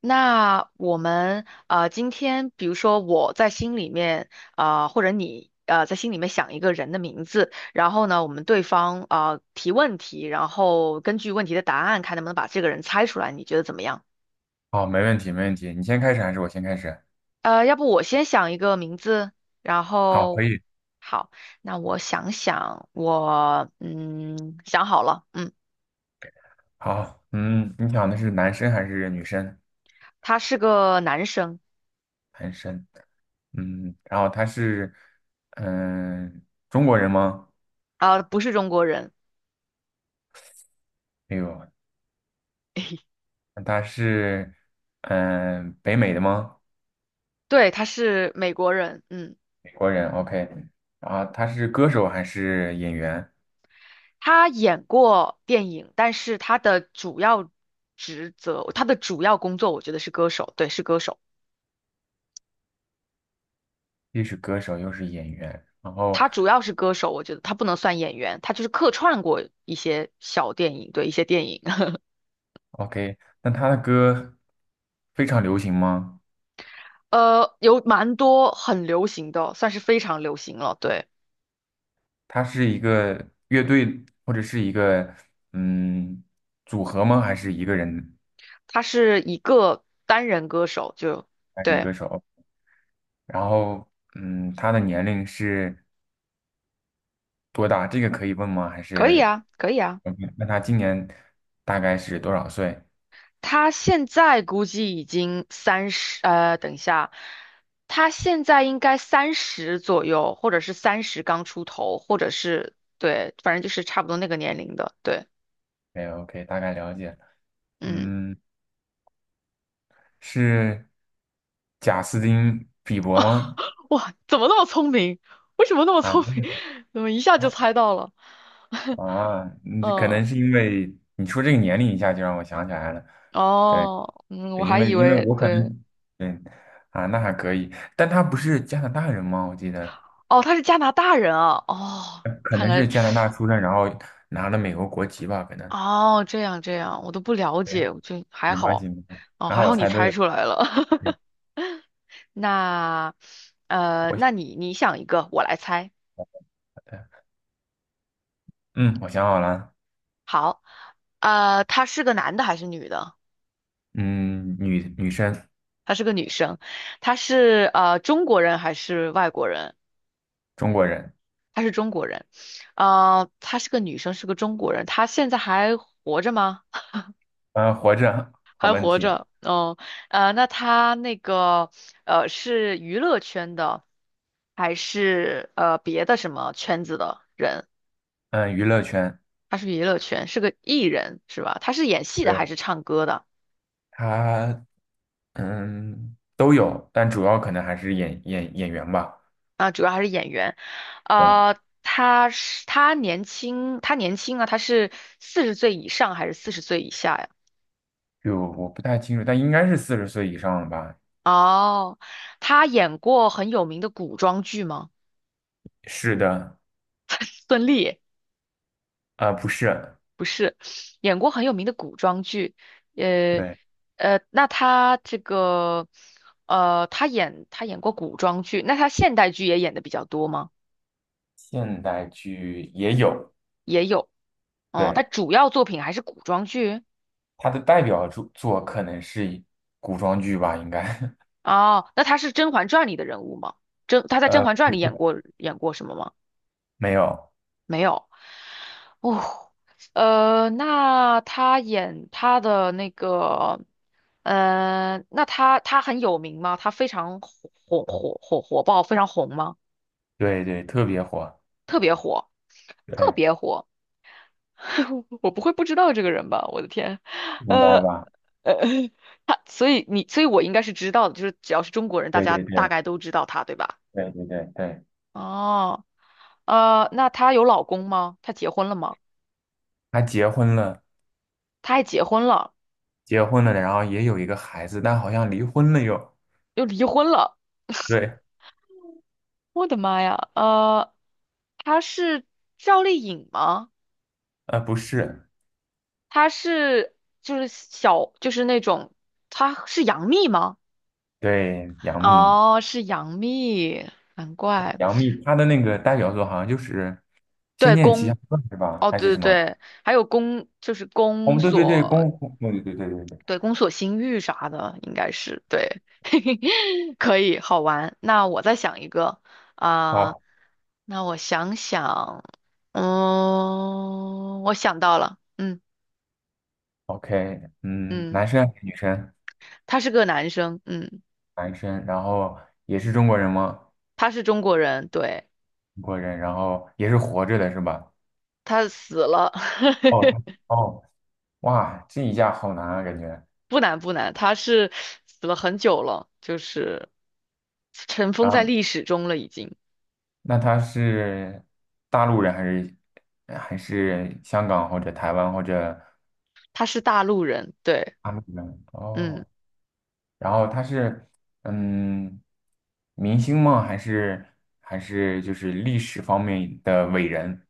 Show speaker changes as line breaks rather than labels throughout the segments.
那我们今天比如说我在心里面或者你在心里面想一个人的名字，然后呢，我们对方提问题，然后根据问题的答案看能不能把这个人猜出来，你觉得怎么样？
好，没问题，没问题。你先开始还是我先开始？
要不我先想一个名字，然
好，可
后
以。
好，那我想想，我想好了，嗯，
好，你想的是男生还是女生？
他是个男生。
男生。嗯，然后他是，嗯，中国人吗？
不是中国人。
没有，那他是，嗯，北美的吗？
对，他是美国人，嗯。
美国人。OK。然后他是歌手还是演员？
他演过电影，但是他的主要职责，他的主要工作，我觉得是歌手，对，是歌手。
既是歌手又是演员。然后
他主要是歌手，我觉得他不能算演员，他就是客串过一些小电影，对，一些电影，
，OK，那他的歌非常流行吗？
有蛮多很流行的，算是非常流行了。对，
他是一个乐队或者是一个嗯组合吗？还是一个人
他是一个单人歌手，就
单人
对，
歌手？然后嗯，他的年龄是多大？这个可以问吗？还
可以
是
啊，可以啊。
OK？那他今年大概是多少岁
他现在估计已经三十，等一下，他现在应该三十左右，或者是三十刚出头，或者是对，反正就是差不多那个年龄的。对，
？OK OK，大概了解
嗯，
嗯，是贾斯汀比伯吗？
哇，怎么那么聪明？为什么那么
啊
聪明？怎么一下就猜到了？
啊，你可
嗯，
能是因为你说这个年龄一下就让我想起来了。对。
哦，嗯，我
对因
还
为
以
因为
为
我可
对，
能，对，啊，那还可以，但他不是加拿大人吗？我记得，
哦，他是加拿大人啊，哦，
可
看
能是
来，
加拿大出生，然后拿了美国国籍吧，可能。
哦，这样这样，我都不了
对，
解，我就还
没关系，
好，
没关系，
哦，
还
还
好我
好你
猜对
猜
了。
出来了，
对，
那
我想
那你想一个，我来猜。
的，嗯，我想好了，
好，他是个男的还是女的？
嗯，女生，
她是个女生，她是中国人还是外国人？
中国人，
她是中国人。她是个女生，是个中国人。她现在还活着吗？
活着，好
还
问
活
题，
着，嗯，那她那个是娱乐圈的，还是别的什么圈子的人？
嗯，娱乐圈，
她是娱乐圈，是个艺人是吧？她是演戏的还
对，
是唱歌的？
他，嗯，都有，但主要可能还是演员吧。
主要还是演员，
对，
呃，他是他年轻啊，他是四十岁以上还是四十岁以下呀？
就我不太清楚，但应该是四十岁以上了吧？
哦，他演过很有名的古装剧吗？
是的。
孙俪
啊，不是，
不是，演过很有名的古装剧，呃
对，
那他这个他演演过古装剧，那他现代剧也演的比较多吗？
现代剧也有，
也有，哦，他
对，
主要作品还是古装剧。
它的代表作可能是古装剧吧，应该，
哦，那他是《甄嬛传》里的人物吗？甄，他 在《甄
呃，
嬛传》
不
里
是，
演过什么吗？
没有，
没有。哦，那他演他的那个，那他很有名吗？他非常火火爆，非常红吗？
对对，特别火，
特别火，特
对，
别火。我不会不知道这个人吧？我的天，
应该
呃
吧，
呃，他，所以你，所以我应该是知道的，就是只要是中国人，大
对
家
对
大
对
概都知道他，对吧？
对对对对，
哦。那她有老公吗？她结婚了吗？
他结婚了，
她还结婚了，
结婚了，然后也有一个孩子，但好像离婚了又，
又离婚了。
对，
我的妈呀！她是赵丽颖吗？
呃，不是，
她是就是小就是那种，她是杨幂吗？
对，杨幂，
哦，是杨幂，难怪。
杨幂她的那个代表作好像就是《仙
对，
剑奇侠
宫，
传》是吧？
哦，
还是
对对
什么？
对，还有宫，就是
哦，
宫
对对对，
锁，
功夫，对对对对对对，
对，宫锁心玉啥的，应该是对，可以好玩。那我再想一个啊、
好。
那我想想，嗯，我想到了，
OK，嗯，
嗯，
男生还是女生？
他是个男生，嗯，
男生，然后也是中国人吗？
他是中国人，对，
中国人，然后也是活着的是吧？
他死了，
哦，他哦，哇，这一下好难啊，感觉。
不难不难，他是死了很久了，就是尘封
然
在
后，
历史中了，已经，
那他是大陆人还是还是香港或者台湾或者
他是大陆人，对，
大陆人？
嗯。
哦，然后他是嗯，明星吗？还是就是历史方面的伟人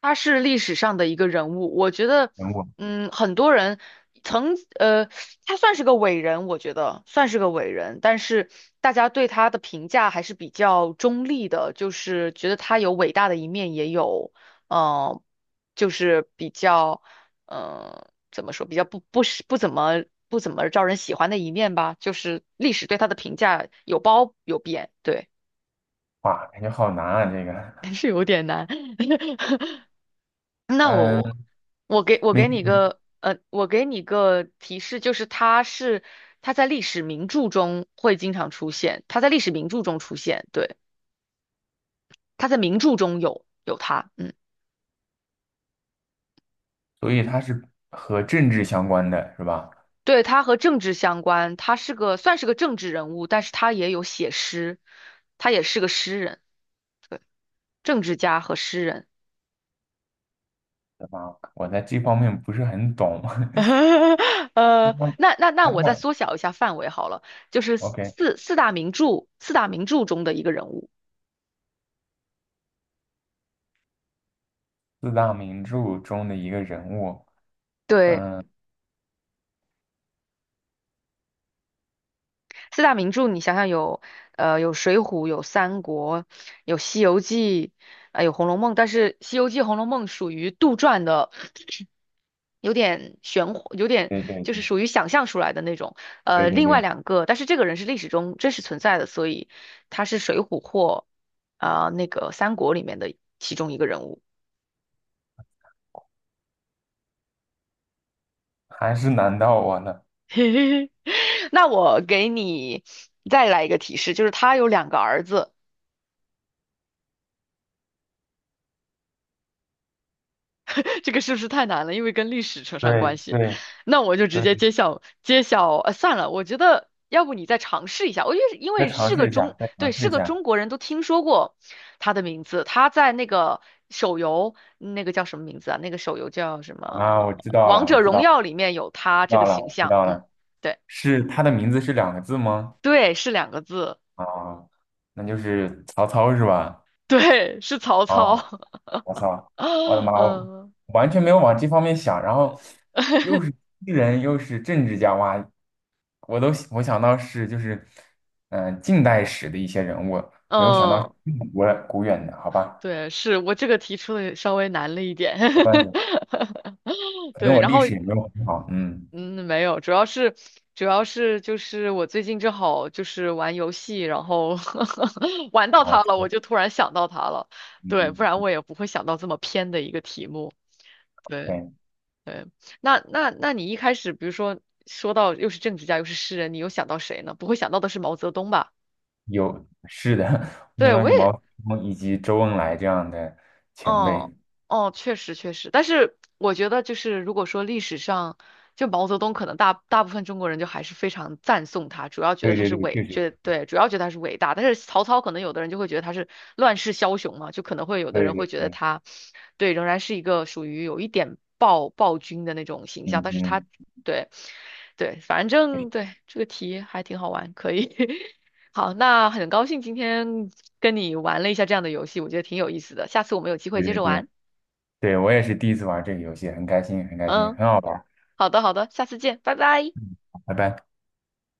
他是历史上的一个人物，我觉得，
人物？
嗯，很多人曾，他算是个伟人，我觉得算是个伟人，但是大家对他的评价还是比较中立的，就是觉得他有伟大的一面，也有，呃，就是比较，怎么说，比较不怎么招人喜欢的一面吧，就是历史对他的评价有褒有贬，对，
哇，感觉好难啊，这 个。
但是有点难。那我
嗯。
我给
没。
你个我给你个提示，就是他在历史名著中会经常出现，他在历史名著中出现，对，他在名著中有他，嗯，
所以它是和政治相关的，是吧？
对，他和政治相关，他是算是个政治人物，但是他也有写诗，他也是个诗人，对，政治家和诗人。
对吧？我在这方面不是很懂。那
那
那
我再
他
缩小一下范围好了，就是
OK，
四大名著中的一个人物，
四大名著中的一个人物，
对。
嗯，
四大名著，你想想有，有《水浒》，有《三国》，有《西游记》，有《红楼梦》。但是《西游记》《红楼梦》属于杜撰的，有点玄乎，有点
对对
就是属于想象出来的那种。
对对
另外
对对，
两个，但是这个人是历史中真实存在的，所以他是《水浒》或那个《三国》里面的其中一个人物。
还是难到我了。
嘿嘿嘿，那我给你再来一个提示，就是他有两个儿子。这个是不是太难了？因为跟历史扯上关
对
系，
对
那我就直接
对，
揭晓。算了，我觉得要不你再尝试一下。我觉得因
再
为
尝
是个
试一下，
中，
再
对，
尝试
是
一
个
下
中国人都听说过他的名字。他在那个手游，那个叫什么名字啊？那个手游叫什
啊！
么？
我知道
《王
了，我
者
知
荣
道
耀》
了，
里面有
我
他
知
这
道
个
了，
形
我知
象。
道
嗯，
了。
对
是他的名字是两个字吗？
对，是两个字，
啊，那就是曹操是吧？
对，是曹操。
哦。我操，我的妈，我
嗯
完全没有往这方面想，然后又是诗人又是政治家，哇，我想到是就是近代史的一些人物，没有想到是
嗯，
这么古古远的，好吧，
对，是我这个提出的稍微难了一点。
没关系，可能
对，
我
然
历
后
史也没有很好，嗯，
嗯，没有，主要是就是我最近正好就是玩游戏，然后 玩到
好，
它
这
了，我
个
就突然想到它了。
嗯，
对，不然
嗯
我也不会想到这么偏的一个题目。对
对，
对，那你一开始，比如说说到又是政治家又是诗人，你又想到谁呢？不会想到的是毛泽东吧？
有是的，我想
对，
到
我
是毛
也
泽东以及周恩来这样的前
哦
辈，
哦，确实确实，但是我觉得就是如果说历史上，就毛泽东可能大部分中国人就还是非常赞颂他，主要觉得
对
他
对
是
对，
伟，
确实，
觉对，主要觉得他是伟大。但是曹操可能有的人就会觉得他是乱世枭雄嘛，就可能会有的
对
人会
对
觉得
对，
他，对，仍然是一个属于有一点暴君的那种形象，
嗯
但是他
嗯，
对对，反正对这个题还挺好玩，可以 好，那很高兴今天跟你玩了一下这样的游戏，我觉得挺有意思的。下次我们有机会
对
接
对
着
对。
玩。
对，我也是第一次玩这个游戏，很开心，很开心，
嗯，
很好玩，
好的，好的，下次见，拜拜。
拜拜。